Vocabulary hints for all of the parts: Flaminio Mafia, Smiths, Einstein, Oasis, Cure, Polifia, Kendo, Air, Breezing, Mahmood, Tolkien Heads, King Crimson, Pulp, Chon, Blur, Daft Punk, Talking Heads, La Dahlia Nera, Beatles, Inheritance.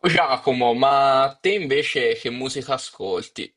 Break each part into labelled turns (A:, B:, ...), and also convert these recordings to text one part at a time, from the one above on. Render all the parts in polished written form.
A: Giacomo, ma te invece che musica ascolti?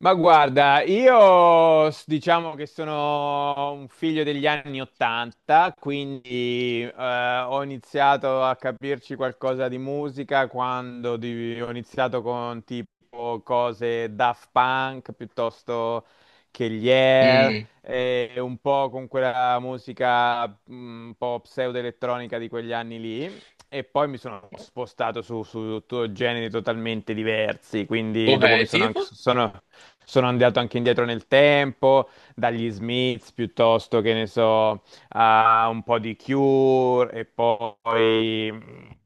B: Ma guarda, diciamo che sono un figlio degli anni 80, quindi ho iniziato a capirci qualcosa di musica quando ho iniziato con tipo cose Daft Punk piuttosto che gli Air,
A: Mm,
B: e un po' con quella musica un po' pseudo-elettronica di quegli anni lì. E poi mi sono spostato su generi totalmente diversi, quindi
A: ok,
B: dopo mi sono, anche-
A: tipo?
B: sono, sono andato anche indietro nel tempo, dagli Smiths piuttosto che ne so, a un po' di Cure e poi mh,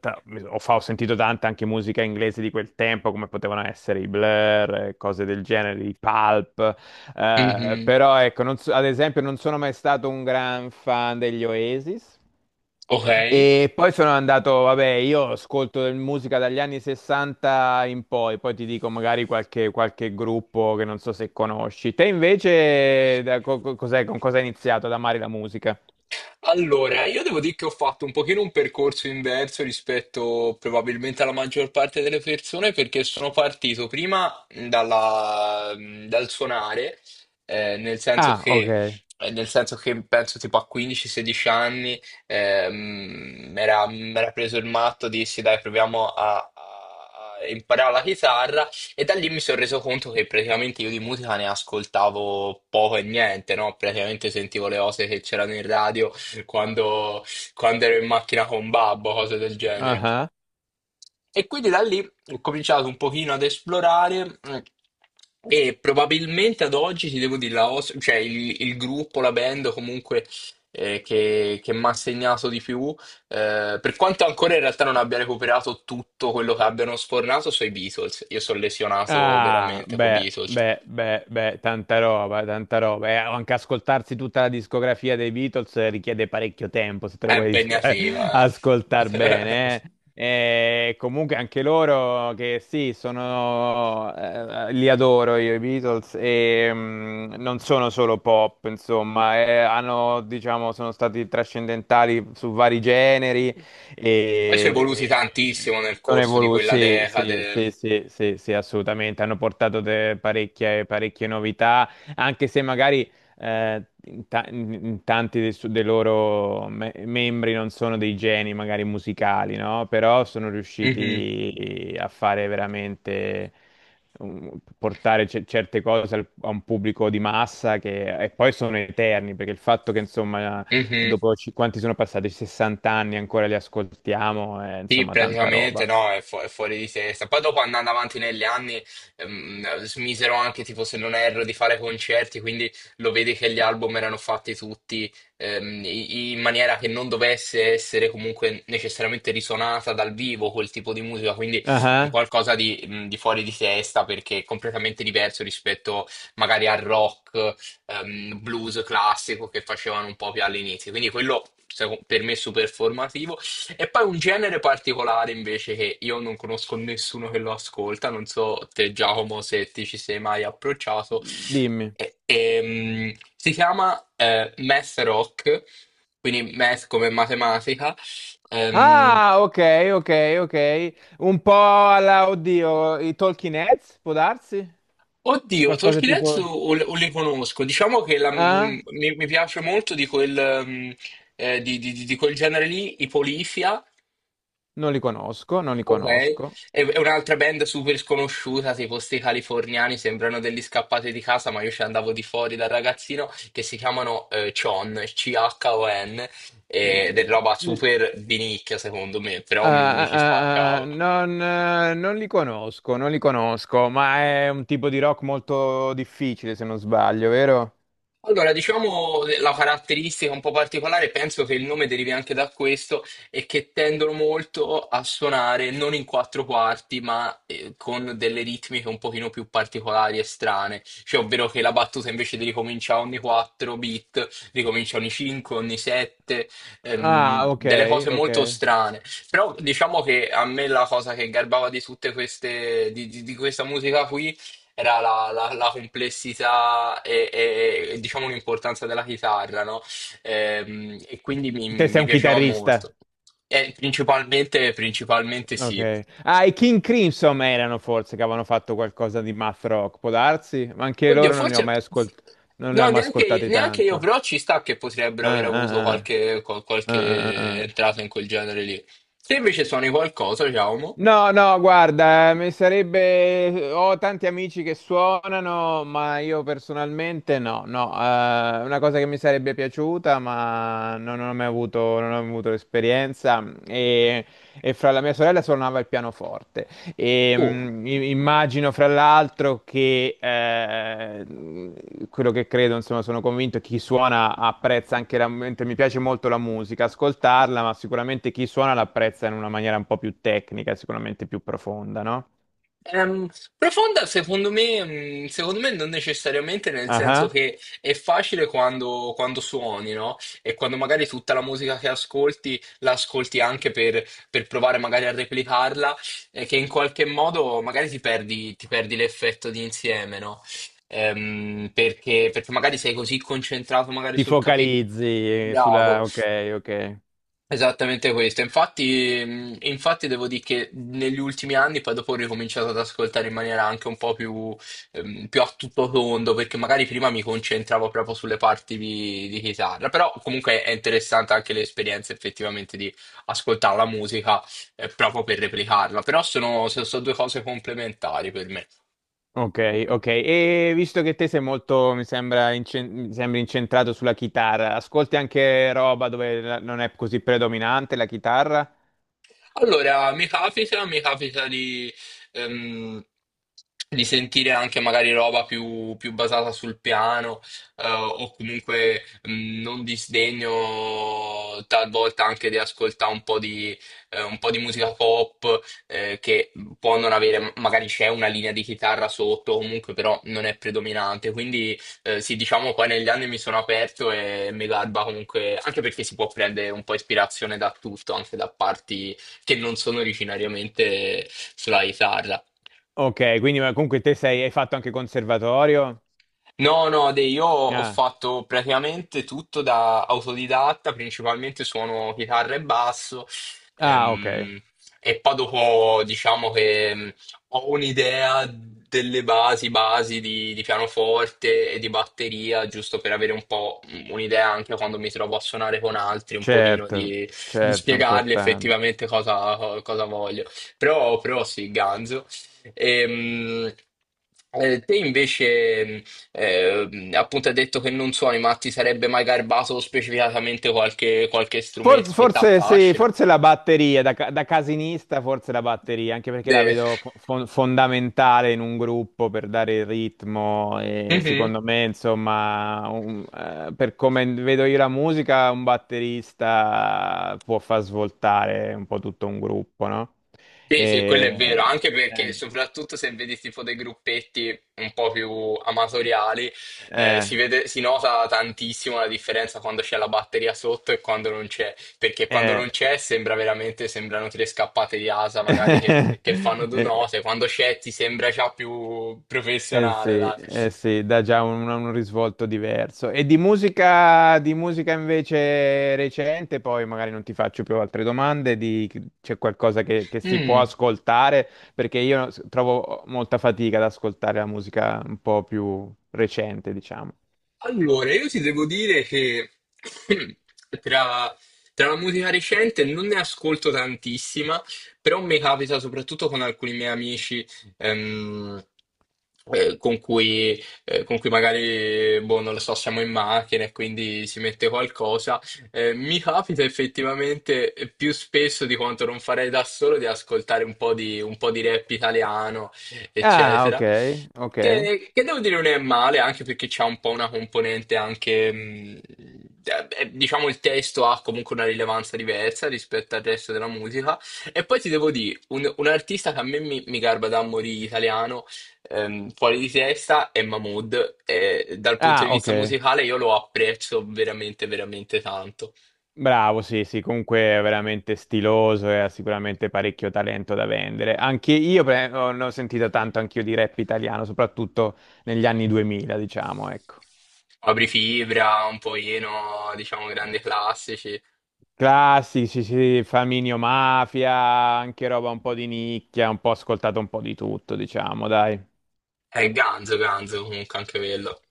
B: ta- mi- so, ho, fa- ho sentito tanta anche musica inglese di quel tempo, come potevano essere i Blur, cose del genere, i Pulp,
A: Mhm.
B: però ecco, non so- ad esempio non sono mai stato un gran fan degli Oasis.
A: Ok.
B: E poi sono andato, vabbè, musica dagli anni 60 in poi, poi ti dico magari qualche gruppo che non so se conosci. Te invece, da co- co- cos'è- con cosa hai iniziato ad amare la musica?
A: Allora, io devo dire che ho fatto un pochino un percorso inverso rispetto probabilmente alla maggior parte delle persone perché sono partito prima dal suonare, eh, nel senso
B: Ah,
A: che,
B: ok.
A: nel senso che penso tipo a 15-16 anni mi era preso il matto, dissi dai proviamo a imparare la chitarra e da lì mi sono reso conto che praticamente io di musica ne ascoltavo poco e niente, no? Praticamente sentivo le cose che c'erano in radio quando, quando ero in macchina con babbo, cose del genere. E quindi da lì ho cominciato un pochino ad esplorare e probabilmente ad oggi ti devo dire, cioè il gruppo, la band comunque che mi ha segnato di più, per quanto ancora in realtà non abbia recuperato tutto quello che abbiano sfornato, sono i Beatles. Io sono lesionato
B: Ah,
A: veramente con i
B: beh,
A: Beatles.
B: beh, beh, beh, tanta roba, tanta roba. E anche ascoltarsi tutta la discografia dei Beatles richiede parecchio tempo se te
A: È
B: lo vuoi
A: impegnativa,
B: ascoltare
A: eh.
B: bene. E comunque anche loro che sì, li adoro io i Beatles e non sono solo pop, insomma, hanno, diciamo, sono stati trascendentali su vari generi
A: Poi si è evoluti
B: e, e
A: tantissimo nel
B: sono
A: corso di
B: evoluti,
A: quella
B: sì, sì,
A: decade.
B: sì, sì, sì, sì, assolutamente, hanno portato parecchie, parecchie novità, anche se magari in tanti dei loro membri non sono dei geni magari musicali, no? Però sono
A: Mhm,
B: riusciti a fare veramente portare certe cose a un pubblico di massa che e poi sono eterni, perché il fatto che insomma
A: mhm.
B: dopo quanti sono passati? 60 anni ancora li ascoltiamo,
A: Sì,
B: insomma, tanta
A: praticamente
B: roba.
A: no, è fuori di testa. Poi dopo andando avanti negli anni, smisero anche, tipo, se non erro, di fare concerti, quindi lo vedi che gli album erano fatti tutti in maniera che non dovesse essere comunque necessariamente risuonata dal vivo quel tipo di musica, quindi un
B: Ah,
A: qualcosa di fuori di testa perché è completamente diverso rispetto magari al rock, blues classico che facevano un po' più all'inizio. Quindi per me è super formativo. E poi un genere particolare invece che io non conosco nessuno che lo ascolta, non so te Giacomo se ti ci sei mai approcciato,
B: dimmi.
A: si chiama math rock, quindi math come matematica. Ehm,
B: Ah, ok, ok, ok. Un po' alla, oddio, i Talking Heads, può darsi?
A: oddio,
B: Qualcosa
A: Tolkien Heads
B: tipo...
A: o li conosco, diciamo che
B: Ah?
A: mi piace molto di di di quel genere lì, i Polifia.
B: Non li conosco, non li
A: Ok,
B: conosco.
A: è un'altra band super sconosciuta, tipo sti californiani, sembrano degli scappati di casa, ma io ci andavo di fuori da ragazzino, che si chiamano Chon, C-H-O-N, ed è roba
B: Mm,
A: super di nicchia secondo me, però mi ci
B: ah, ah, ah, ah,
A: spaccavo.
B: non, non li conosco, non li conosco, ma è un tipo di rock molto difficile, se non sbaglio, vero?
A: Allora, diciamo la caratteristica un po' particolare, penso che il nome derivi anche da questo, è che tendono molto a suonare non in quattro quarti, ma con delle ritmiche un pochino più particolari e strane. Cioè, ovvero che la battuta invece di ricominciare ogni 4 beat, ricomincia ogni 5, ogni 7,
B: Ah, ok,
A: delle cose
B: ok.
A: molto strane. Però diciamo che a me la cosa che garbava di tutte queste, di questa musica qui era la complessità e, diciamo l'importanza della chitarra, no? E, quindi
B: Te sei
A: mi
B: un
A: piaceva
B: chitarrista.
A: molto. E principalmente, principalmente sì.
B: Ok. Ah, i King Crimson erano forse che avevano fatto qualcosa di math rock, può darsi? Ma anche
A: Oddio,
B: loro non li ho
A: forse...
B: mai ascoltati, non li ho
A: No,
B: mai
A: neanche,
B: ascoltati
A: neanche io,
B: tanto.
A: però ci sta che potrebbero aver
B: Ah, ah,
A: avuto
B: ah.
A: qualche,
B: Ah, ah, ah.
A: qualche
B: Ah.
A: entrata in quel genere lì. Se invece suoni qualcosa, Giacomo...
B: No, no, guarda, mi sarebbe... Ho tanti amici che suonano, ma io personalmente no, no. Una cosa che mi sarebbe piaciuta, ma non ho mai avuto, non ho avuto l'esperienza. E fra la mia sorella suonava il pianoforte. E,
A: Oh.
B: immagino fra l'altro che quello che credo, insomma, sono convinto che chi suona apprezza anche la, mentre mi piace molto la musica, ascoltarla, ma sicuramente chi suona l'apprezza in una maniera un po' più tecnica, sicuramente più profonda, no?
A: Ehm, Profonda secondo me non necessariamente, nel senso
B: Ah,
A: che è facile quando suoni, no? E quando magari tutta la musica che ascolti la ascolti anche per provare magari a replicarla, e che in qualche modo magari ti perdi l'effetto di insieme, no? Perché magari sei così concentrato magari
B: ti
A: sul capire.
B: focalizzi sulla... Ok, ok.
A: Esattamente questo, infatti, infatti devo dire che negli ultimi anni poi dopo ho ricominciato ad ascoltare in maniera anche un po' più, più a tutto tondo, perché magari prima mi concentravo proprio sulle parti di chitarra, però comunque è interessante anche l'esperienza effettivamente di ascoltare la musica proprio per replicarla, però sono, sono due cose complementari per me.
B: Ok, ok. E visto che te sei molto, mi sembra, mi sembri incentrato sulla chitarra, ascolti anche roba dove non è così predominante la chitarra?
A: Allora, mi capita ehm, di sentire anche magari roba più, più basata sul piano, o comunque non disdegno talvolta anche di ascoltare un po' di musica pop, che può non avere, magari c'è una linea di chitarra sotto, comunque però non è predominante. Quindi sì, diciamo poi negli anni mi sono aperto e mi garba comunque, anche perché si può prendere un po' ispirazione da tutto, anche da parti che non sono originariamente sulla chitarra.
B: Ok, quindi ma comunque te sei, hai fatto anche conservatorio?
A: No, no, io ho
B: Ah,
A: fatto praticamente tutto da autodidatta, principalmente suono chitarra e basso,
B: ah, ok,
A: ehm, e poi dopo diciamo che ho un'idea delle basi, basi di pianoforte e di batteria, giusto per avere un po' un'idea anche quando mi trovo a suonare con altri, un pochino
B: certo,
A: di
B: certo,
A: spiegargli
B: importante.
A: effettivamente cosa voglio. Però, però sì, ganzo. Ehm, te invece eh, appunto ha detto che non suoni, ma ti sarebbe mai garbato specificatamente qualche, qualche
B: Forse,
A: strumento che ti
B: forse sì,
A: affascina?
B: forse la batteria, da, da casinista forse la batteria, anche perché la
A: De-
B: vedo fondamentale in un gruppo per dare il ritmo e
A: mhm.
B: secondo me, insomma, per come vedo io la musica, un batterista può far svoltare un po' tutto un gruppo, no?
A: Sì, sì, quello è
B: E,
A: vero, anche perché
B: eh,
A: soprattutto se vedi tipo dei gruppetti un po' più amatoriali,
B: eh,
A: si nota tantissimo la differenza quando c'è la batteria sotto e quando non c'è, perché quando
B: eh,
A: non c'è sembra veramente, sembrano tre scappate di asa magari che fanno due
B: eh,
A: note, quando c'è ti sembra già più professionale,
B: sì,
A: dai.
B: eh sì, dà già un risvolto diverso. E di musica invece recente, poi magari non ti faccio più altre domande, c'è qualcosa che si può
A: Mm.
B: ascoltare, perché trovo molta fatica ad ascoltare la musica un po' più recente, diciamo.
A: Allora, io ti devo dire che tra, tra la musica recente non ne ascolto tantissima, però mi capita soprattutto con alcuni miei amici ehm, con cui magari, boh, non lo so, siamo in macchina e quindi si mette qualcosa. Mi capita effettivamente più spesso di quanto non farei da solo di ascoltare un po' di rap italiano,
B: Ah, ok,
A: eccetera.
B: ok.
A: Che devo dire non è male, anche perché c'è un po' una componente anche, diciamo, il testo ha comunque una rilevanza diversa rispetto al resto della musica. E poi ti devo dire, un artista che a mi garba da morire italiano, fuori di testa, è Mahmood. E dal punto
B: Ah,
A: di
B: ok.
A: vista musicale io lo apprezzo veramente, veramente tanto.
B: Bravo, sì, sì, comunque è veramente stiloso e ha sicuramente parecchio talento da vendere. Anche ne ho sentita tanto anch'io di rap italiano, soprattutto negli anni 2000, diciamo, ecco.
A: Apri Fibra, un po' Eno, diciamo, grandi classici.
B: Classici, sì, sì, Flaminio Mafia, anche roba un po' di nicchia, un po' ascoltato un po' di tutto, diciamo, dai.
A: È Ganzo, Ganzo comunque anche quello.